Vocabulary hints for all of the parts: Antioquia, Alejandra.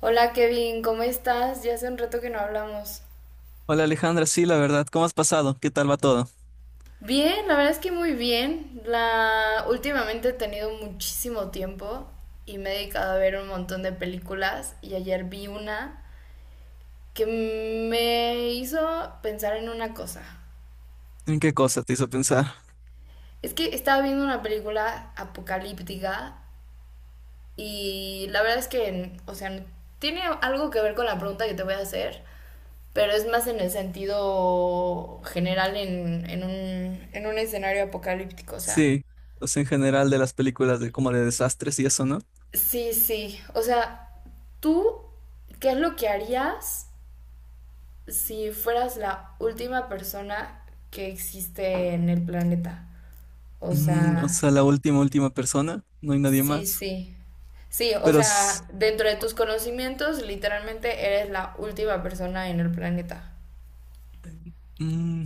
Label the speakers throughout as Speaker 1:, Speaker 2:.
Speaker 1: Hola Kevin, ¿cómo estás? Ya hace un rato que no hablamos.
Speaker 2: Hola Alejandra, sí, la verdad, ¿cómo has pasado? ¿Qué tal va todo?
Speaker 1: Bien, la verdad es que muy bien. La últimamente he tenido muchísimo tiempo y me he dedicado a ver un montón de películas y ayer vi una que me hizo pensar en una cosa.
Speaker 2: ¿En qué cosa te hizo pensar?
Speaker 1: Es que estaba viendo una película apocalíptica y la verdad es que, o sea, tiene algo que ver con la pregunta que te voy a hacer, pero es más en el sentido general en un escenario apocalíptico. O sea,
Speaker 2: Sí, o sea, en general de las películas de como de desastres y eso, ¿no?
Speaker 1: sí, sí. O sea, tú, ¿qué es lo que harías si fueras la última persona que existe en el planeta? O
Speaker 2: Mm, o
Speaker 1: sea,
Speaker 2: sea, la última, última persona, no hay nadie
Speaker 1: sí,
Speaker 2: más.
Speaker 1: sí. Sí, o
Speaker 2: Pero,
Speaker 1: sea, dentro de tus conocimientos, literalmente eres la última persona en el planeta.
Speaker 2: mm,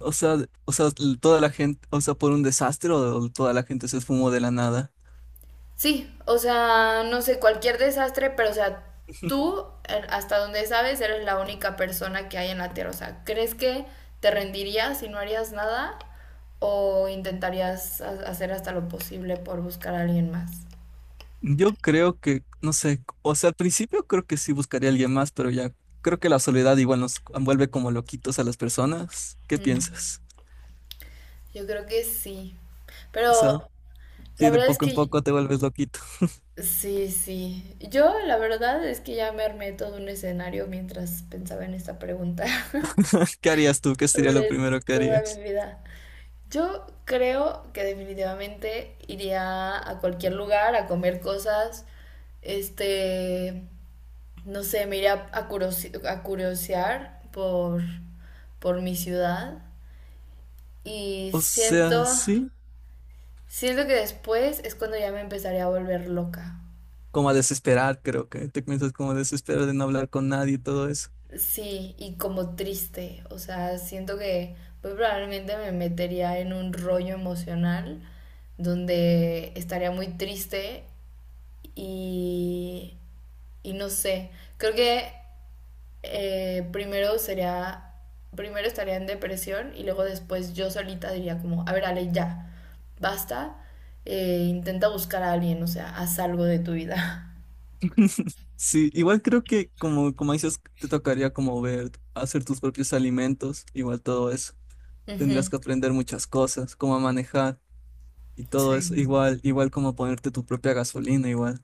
Speaker 2: o sea, o sea, toda la gente, o sea, por un desastre o toda la gente se esfumó de la nada.
Speaker 1: Sí, o sea, no sé, cualquier desastre, pero o sea, tú, hasta donde sabes, eres la única persona que hay en la Tierra. O sea, ¿crees que te rendirías y no harías nada? ¿O intentarías hacer hasta lo posible por buscar a alguien más?
Speaker 2: Yo creo que, no sé, o sea, al principio creo que sí buscaría a alguien más, pero ya creo que la soledad igual nos envuelve como loquitos a las personas. ¿Qué
Speaker 1: Mm,
Speaker 2: piensas?
Speaker 1: Yo creo que sí.
Speaker 2: O sea,
Speaker 1: Pero la
Speaker 2: si de
Speaker 1: verdad es
Speaker 2: poco en
Speaker 1: que
Speaker 2: poco te vuelves loquito.
Speaker 1: sí, sí. Yo la verdad es que ya me armé todo un escenario mientras pensaba en esta pregunta
Speaker 2: ¿Qué harías tú? ¿Qué sería lo
Speaker 1: sobre
Speaker 2: primero que
Speaker 1: toda
Speaker 2: harías?
Speaker 1: mi vida. Yo creo que definitivamente iría a cualquier lugar a comer cosas, este, no sé, me iría a, curiosear por mi ciudad y
Speaker 2: O sea, sí,
Speaker 1: siento que después es cuando ya me empezaría a volver loca.
Speaker 2: como a desesperar, creo que te comienzas como a desesperar de no hablar con nadie y todo eso.
Speaker 1: Sí, y como triste, o sea, siento que muy probablemente me metería en un rollo emocional donde estaría muy triste y Y no sé, creo que eh, primero sería, primero estaría en depresión y luego después yo solita diría como, a ver, Ale, ya, basta, intenta buscar a alguien, o sea, haz algo de tu vida.
Speaker 2: Sí, igual creo que como, como dices, te tocaría como ver, hacer tus propios alimentos, igual todo eso. Tendrías
Speaker 1: Ujú.
Speaker 2: que aprender muchas cosas, cómo manejar y todo eso,
Speaker 1: Sí,
Speaker 2: igual, igual como ponerte tu propia gasolina, igual.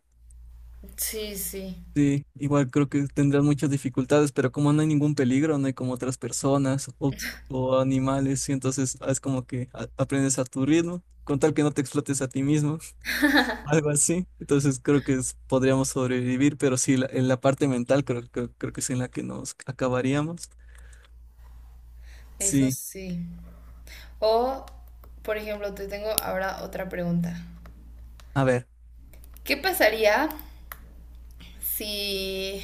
Speaker 1: sí, sí,
Speaker 2: Sí, igual creo que tendrás muchas dificultades, pero como no hay ningún peligro, no hay como otras personas o animales, y entonces es como que aprendes a tu ritmo, con tal que no te explotes a ti mismo, algo así. Entonces creo que podríamos sobrevivir, pero sí, la, en la parte mental creo que es en la que nos acabaríamos.
Speaker 1: eso
Speaker 2: Sí,
Speaker 1: sí. O, por ejemplo, te tengo ahora otra pregunta.
Speaker 2: a ver,
Speaker 1: ¿Qué pasaría si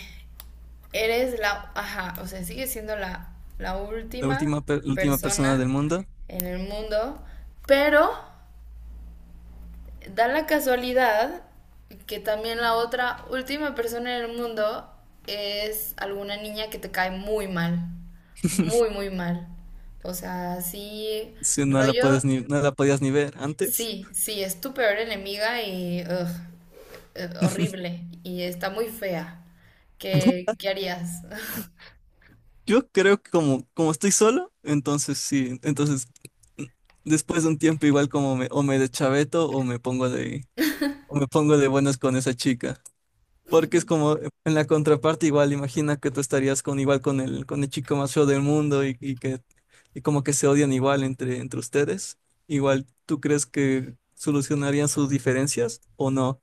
Speaker 1: eres ajá, o sea, sigues siendo la
Speaker 2: la
Speaker 1: última
Speaker 2: última, la última persona del
Speaker 1: persona
Speaker 2: mundo,
Speaker 1: en el mundo, pero da la casualidad que también la otra última persona en el mundo es alguna niña que te cae muy mal, muy, muy mal. O sea, sí,
Speaker 2: si no la
Speaker 1: rollo,
Speaker 2: puedes ni, no la podías ni ver antes.
Speaker 1: sí, sí, es tu peor enemiga y ugh, horrible y está muy fea. ¿Qué, qué harías?
Speaker 2: Yo creo que como, como estoy solo, entonces sí, entonces después de un tiempo igual como me, o me deschaveto o me pongo de, o me pongo de buenas con esa chica. Porque es como en la contraparte igual, imagina que tú estarías con igual con el chico más feo del mundo y que y como que se odian igual entre, entre ustedes. Igual, ¿tú crees que solucionarían sus diferencias o no?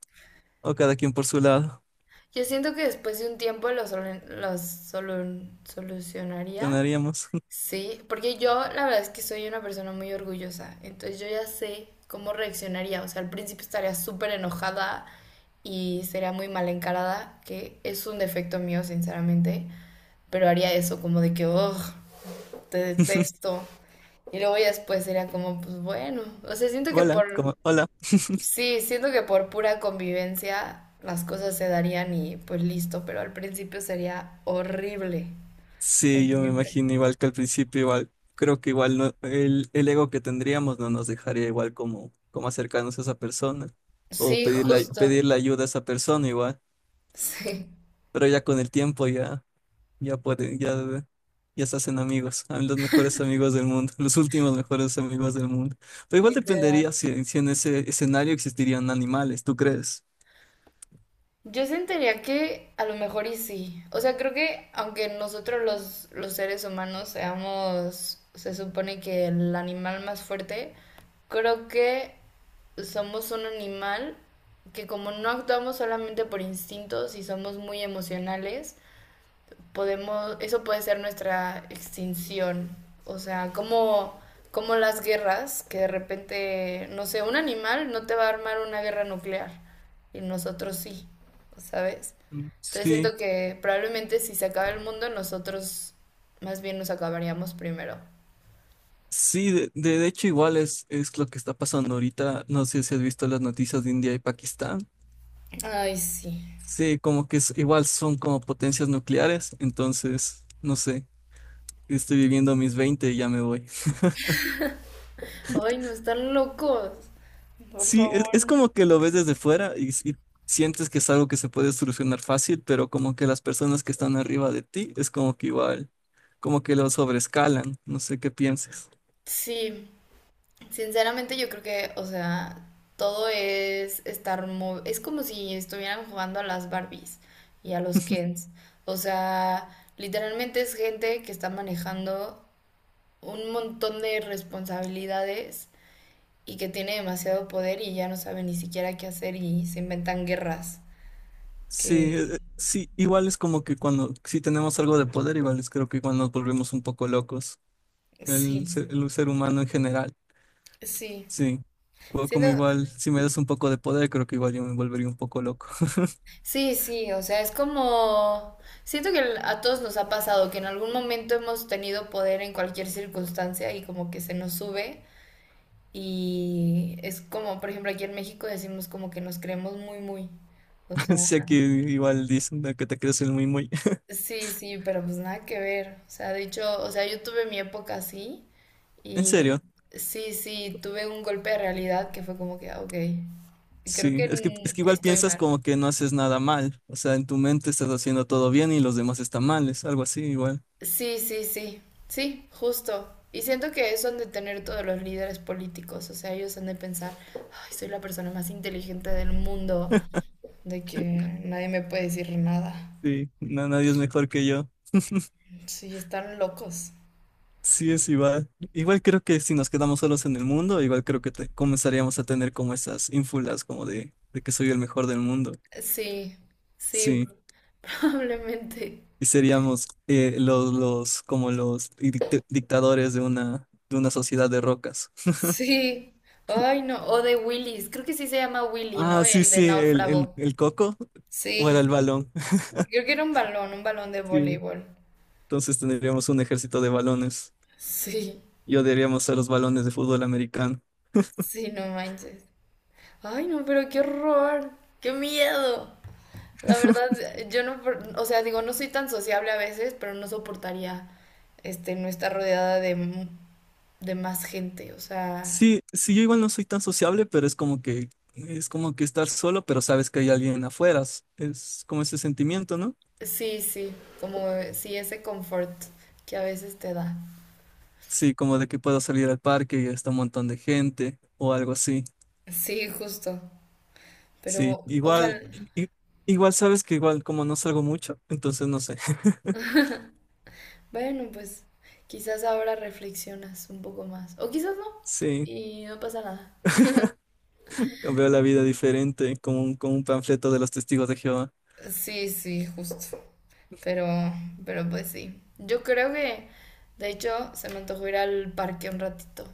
Speaker 2: O cada quien por su lado.
Speaker 1: Yo siento que después de un tiempo solu- los solucionaría.
Speaker 2: Solucionaríamos.
Speaker 1: Sí, porque yo la verdad es que soy una persona muy orgullosa, entonces yo ya sé cómo reaccionaría. O sea, al principio estaría súper enojada y sería muy mal encarada, que es un defecto mío, sinceramente, pero haría eso como de que, oh, te detesto. Y luego ya después sería como, pues bueno, o sea, siento que
Speaker 2: Hola,
Speaker 1: por
Speaker 2: como, hola.
Speaker 1: sí, siento que por pura convivencia las cosas se darían y pues listo, pero al principio sería horrible.
Speaker 2: Sí, yo me
Speaker 1: Horrible.
Speaker 2: imagino igual que al principio, igual, creo que igual no, el ego que tendríamos no nos dejaría igual como, como acercarnos a esa persona o
Speaker 1: Sí,
Speaker 2: pedirle,
Speaker 1: justo.
Speaker 2: pedirle ayuda a esa persona igual,
Speaker 1: Sí,
Speaker 2: pero ya con el tiempo ya, ya pueden, ya, ya se hacen amigos, mí los mejores amigos del mundo, los últimos mejores amigos del mundo. Pero igual
Speaker 1: literal.
Speaker 2: dependería si, si en ese escenario existirían animales, ¿tú crees?
Speaker 1: Yo sentiría que a lo mejor y sí. O sea, creo que aunque nosotros los seres humanos seamos, se supone que el animal más fuerte, creo que somos un animal que como no actuamos solamente por instintos y somos muy emocionales, podemos, eso puede ser nuestra extinción. O sea, como, como las guerras, que de repente, no sé, un animal no te va a armar una guerra nuclear y nosotros sí, ¿sabes?
Speaker 2: Mm,
Speaker 1: Entonces
Speaker 2: sí,
Speaker 1: siento que probablemente si se acaba el mundo, nosotros más bien nos acabaríamos primero.
Speaker 2: sí, de, de hecho igual es lo que está pasando ahorita. No sé si has visto las noticias de India y Pakistán.
Speaker 1: Ay, sí.
Speaker 2: Sí, como que igual son como potencias nucleares, entonces, no sé, estoy viviendo mis 20 y ya me voy.
Speaker 1: Ay, no están locos. Por
Speaker 2: Sí,
Speaker 1: favor.
Speaker 2: es como que lo ves desde fuera y sientes que es algo que se puede solucionar fácil, pero como que las personas que están arriba de ti es como que igual, como que lo sobrescalan, no sé qué pienses.
Speaker 1: Sí, sinceramente yo creo que, o sea, todo es estar... Es como si estuvieran jugando a las Barbies y a los Kens. O sea, literalmente es gente que está manejando un montón de responsabilidades y que tiene demasiado poder y ya no sabe ni siquiera qué hacer y se inventan guerras.
Speaker 2: Sí,
Speaker 1: Que...
Speaker 2: sí, igual es como que cuando, si tenemos algo de poder, igual es creo que igual nos volvemos un poco locos, el,
Speaker 1: Sí,
Speaker 2: el ser humano en general.
Speaker 1: sí.
Speaker 2: Sí, o como
Speaker 1: Siento,
Speaker 2: igual, si me das un poco de poder, creo que igual yo me volvería un poco loco.
Speaker 1: sí, sí, o sea, es como... Siento que a todos nos ha pasado que en algún momento hemos tenido poder en cualquier circunstancia y como que se nos sube y es como, por ejemplo, aquí en México decimos como que nos creemos muy, muy. O sea,
Speaker 2: Si aquí igual dicen de que te crees el muy muy.
Speaker 1: sí, sí, pero pues nada que ver. O sea, de hecho, o sea, yo tuve mi época así
Speaker 2: En
Speaker 1: y
Speaker 2: serio,
Speaker 1: sí, sí, tuve un golpe de realidad que fue como que, ah, ok, creo
Speaker 2: sí,
Speaker 1: que
Speaker 2: es que igual
Speaker 1: estoy
Speaker 2: piensas
Speaker 1: mal.
Speaker 2: como que no haces nada mal, o sea, en tu mente estás haciendo todo bien y los demás están mal, es algo así igual.
Speaker 1: Sí, sí, sí, sí, justo. Y siento que eso han de tener todos los líderes políticos, o sea, ellos han de pensar, ay, soy la persona más inteligente del mundo, de que nadie me puede decir nada.
Speaker 2: Sí, no, nadie es mejor que yo.
Speaker 1: Sí, están locos.
Speaker 2: Sí, es igual. Igual creo que si nos quedamos solos en el mundo, igual creo que comenzaríamos a tener como esas ínfulas como de que soy el mejor del mundo.
Speaker 1: Sí, sí,
Speaker 2: Sí.
Speaker 1: probablemente.
Speaker 2: Y seríamos los, como los dictadores de una sociedad de rocas.
Speaker 1: Sí, ay, no, o de Willis, creo que sí se llama Willy, ¿no?
Speaker 2: Ah, sí,
Speaker 1: El de
Speaker 2: sí,
Speaker 1: náufrago.
Speaker 2: el coco o era
Speaker 1: Sí,
Speaker 2: el balón.
Speaker 1: creo que era un balón de
Speaker 2: Sí.
Speaker 1: voleibol.
Speaker 2: Entonces tendríamos un ejército de balones
Speaker 1: Sí,
Speaker 2: y odiaríamos a los balones de fútbol americano.
Speaker 1: sí, no manches. Ay, no, pero qué horror, qué miedo. La verdad, yo no, o sea, digo, no soy tan sociable a veces, pero no soportaría, no estar rodeada de más gente. O sea,
Speaker 2: Sí, sí, yo igual no soy tan sociable, pero es como que estar solo, pero sabes que hay alguien afuera. Es como ese sentimiento, ¿no?
Speaker 1: sí, sí, como sí, ese confort que a veces te da.
Speaker 2: Sí, como de que puedo salir al parque y está un montón de gente o algo así.
Speaker 1: Sí, justo.
Speaker 2: Sí,
Speaker 1: Pero
Speaker 2: igual,
Speaker 1: ojalá,
Speaker 2: i- igual sabes que igual como no salgo mucho, entonces no sé.
Speaker 1: bueno, pues quizás ahora reflexionas un poco más. O quizás no,
Speaker 2: Sí,
Speaker 1: y no pasa nada.
Speaker 2: veo la vida diferente, como un panfleto de los testigos de Jehová.
Speaker 1: Sí, sí, justo. Pero, pero pues sí. Yo creo que, de hecho, se me antojó ir al parque un ratito.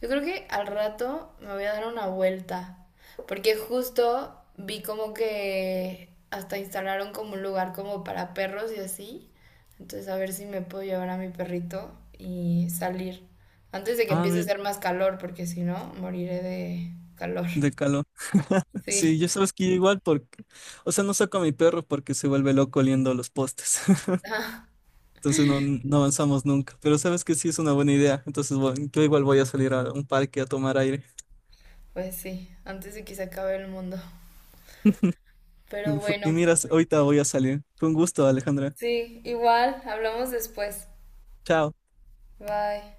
Speaker 1: Yo creo que al rato me voy a dar una vuelta. Porque justo vi como que hasta instalaron como un lugar como para perros y así. Entonces a ver si me puedo llevar a mi perrito y salir. Antes de que
Speaker 2: Ah,
Speaker 1: empiece a
Speaker 2: mira,
Speaker 1: hacer más calor, porque si no, moriré de calor.
Speaker 2: de calor.
Speaker 1: Sí.
Speaker 2: Sí, yo sabes que igual porque, o sea, no saco a mi perro porque se vuelve loco oliendo los postes.
Speaker 1: Ah,
Speaker 2: Entonces no, no avanzamos nunca. Pero sabes que sí es una buena idea. Entonces yo igual voy a salir a un parque a tomar aire.
Speaker 1: pues sí, antes de que se acabe el mundo. Pero
Speaker 2: Y
Speaker 1: bueno.
Speaker 2: miras, ahorita voy a salir. Fue un gusto, Alejandra.
Speaker 1: Sí, igual, hablamos después.
Speaker 2: Chao.
Speaker 1: Bye.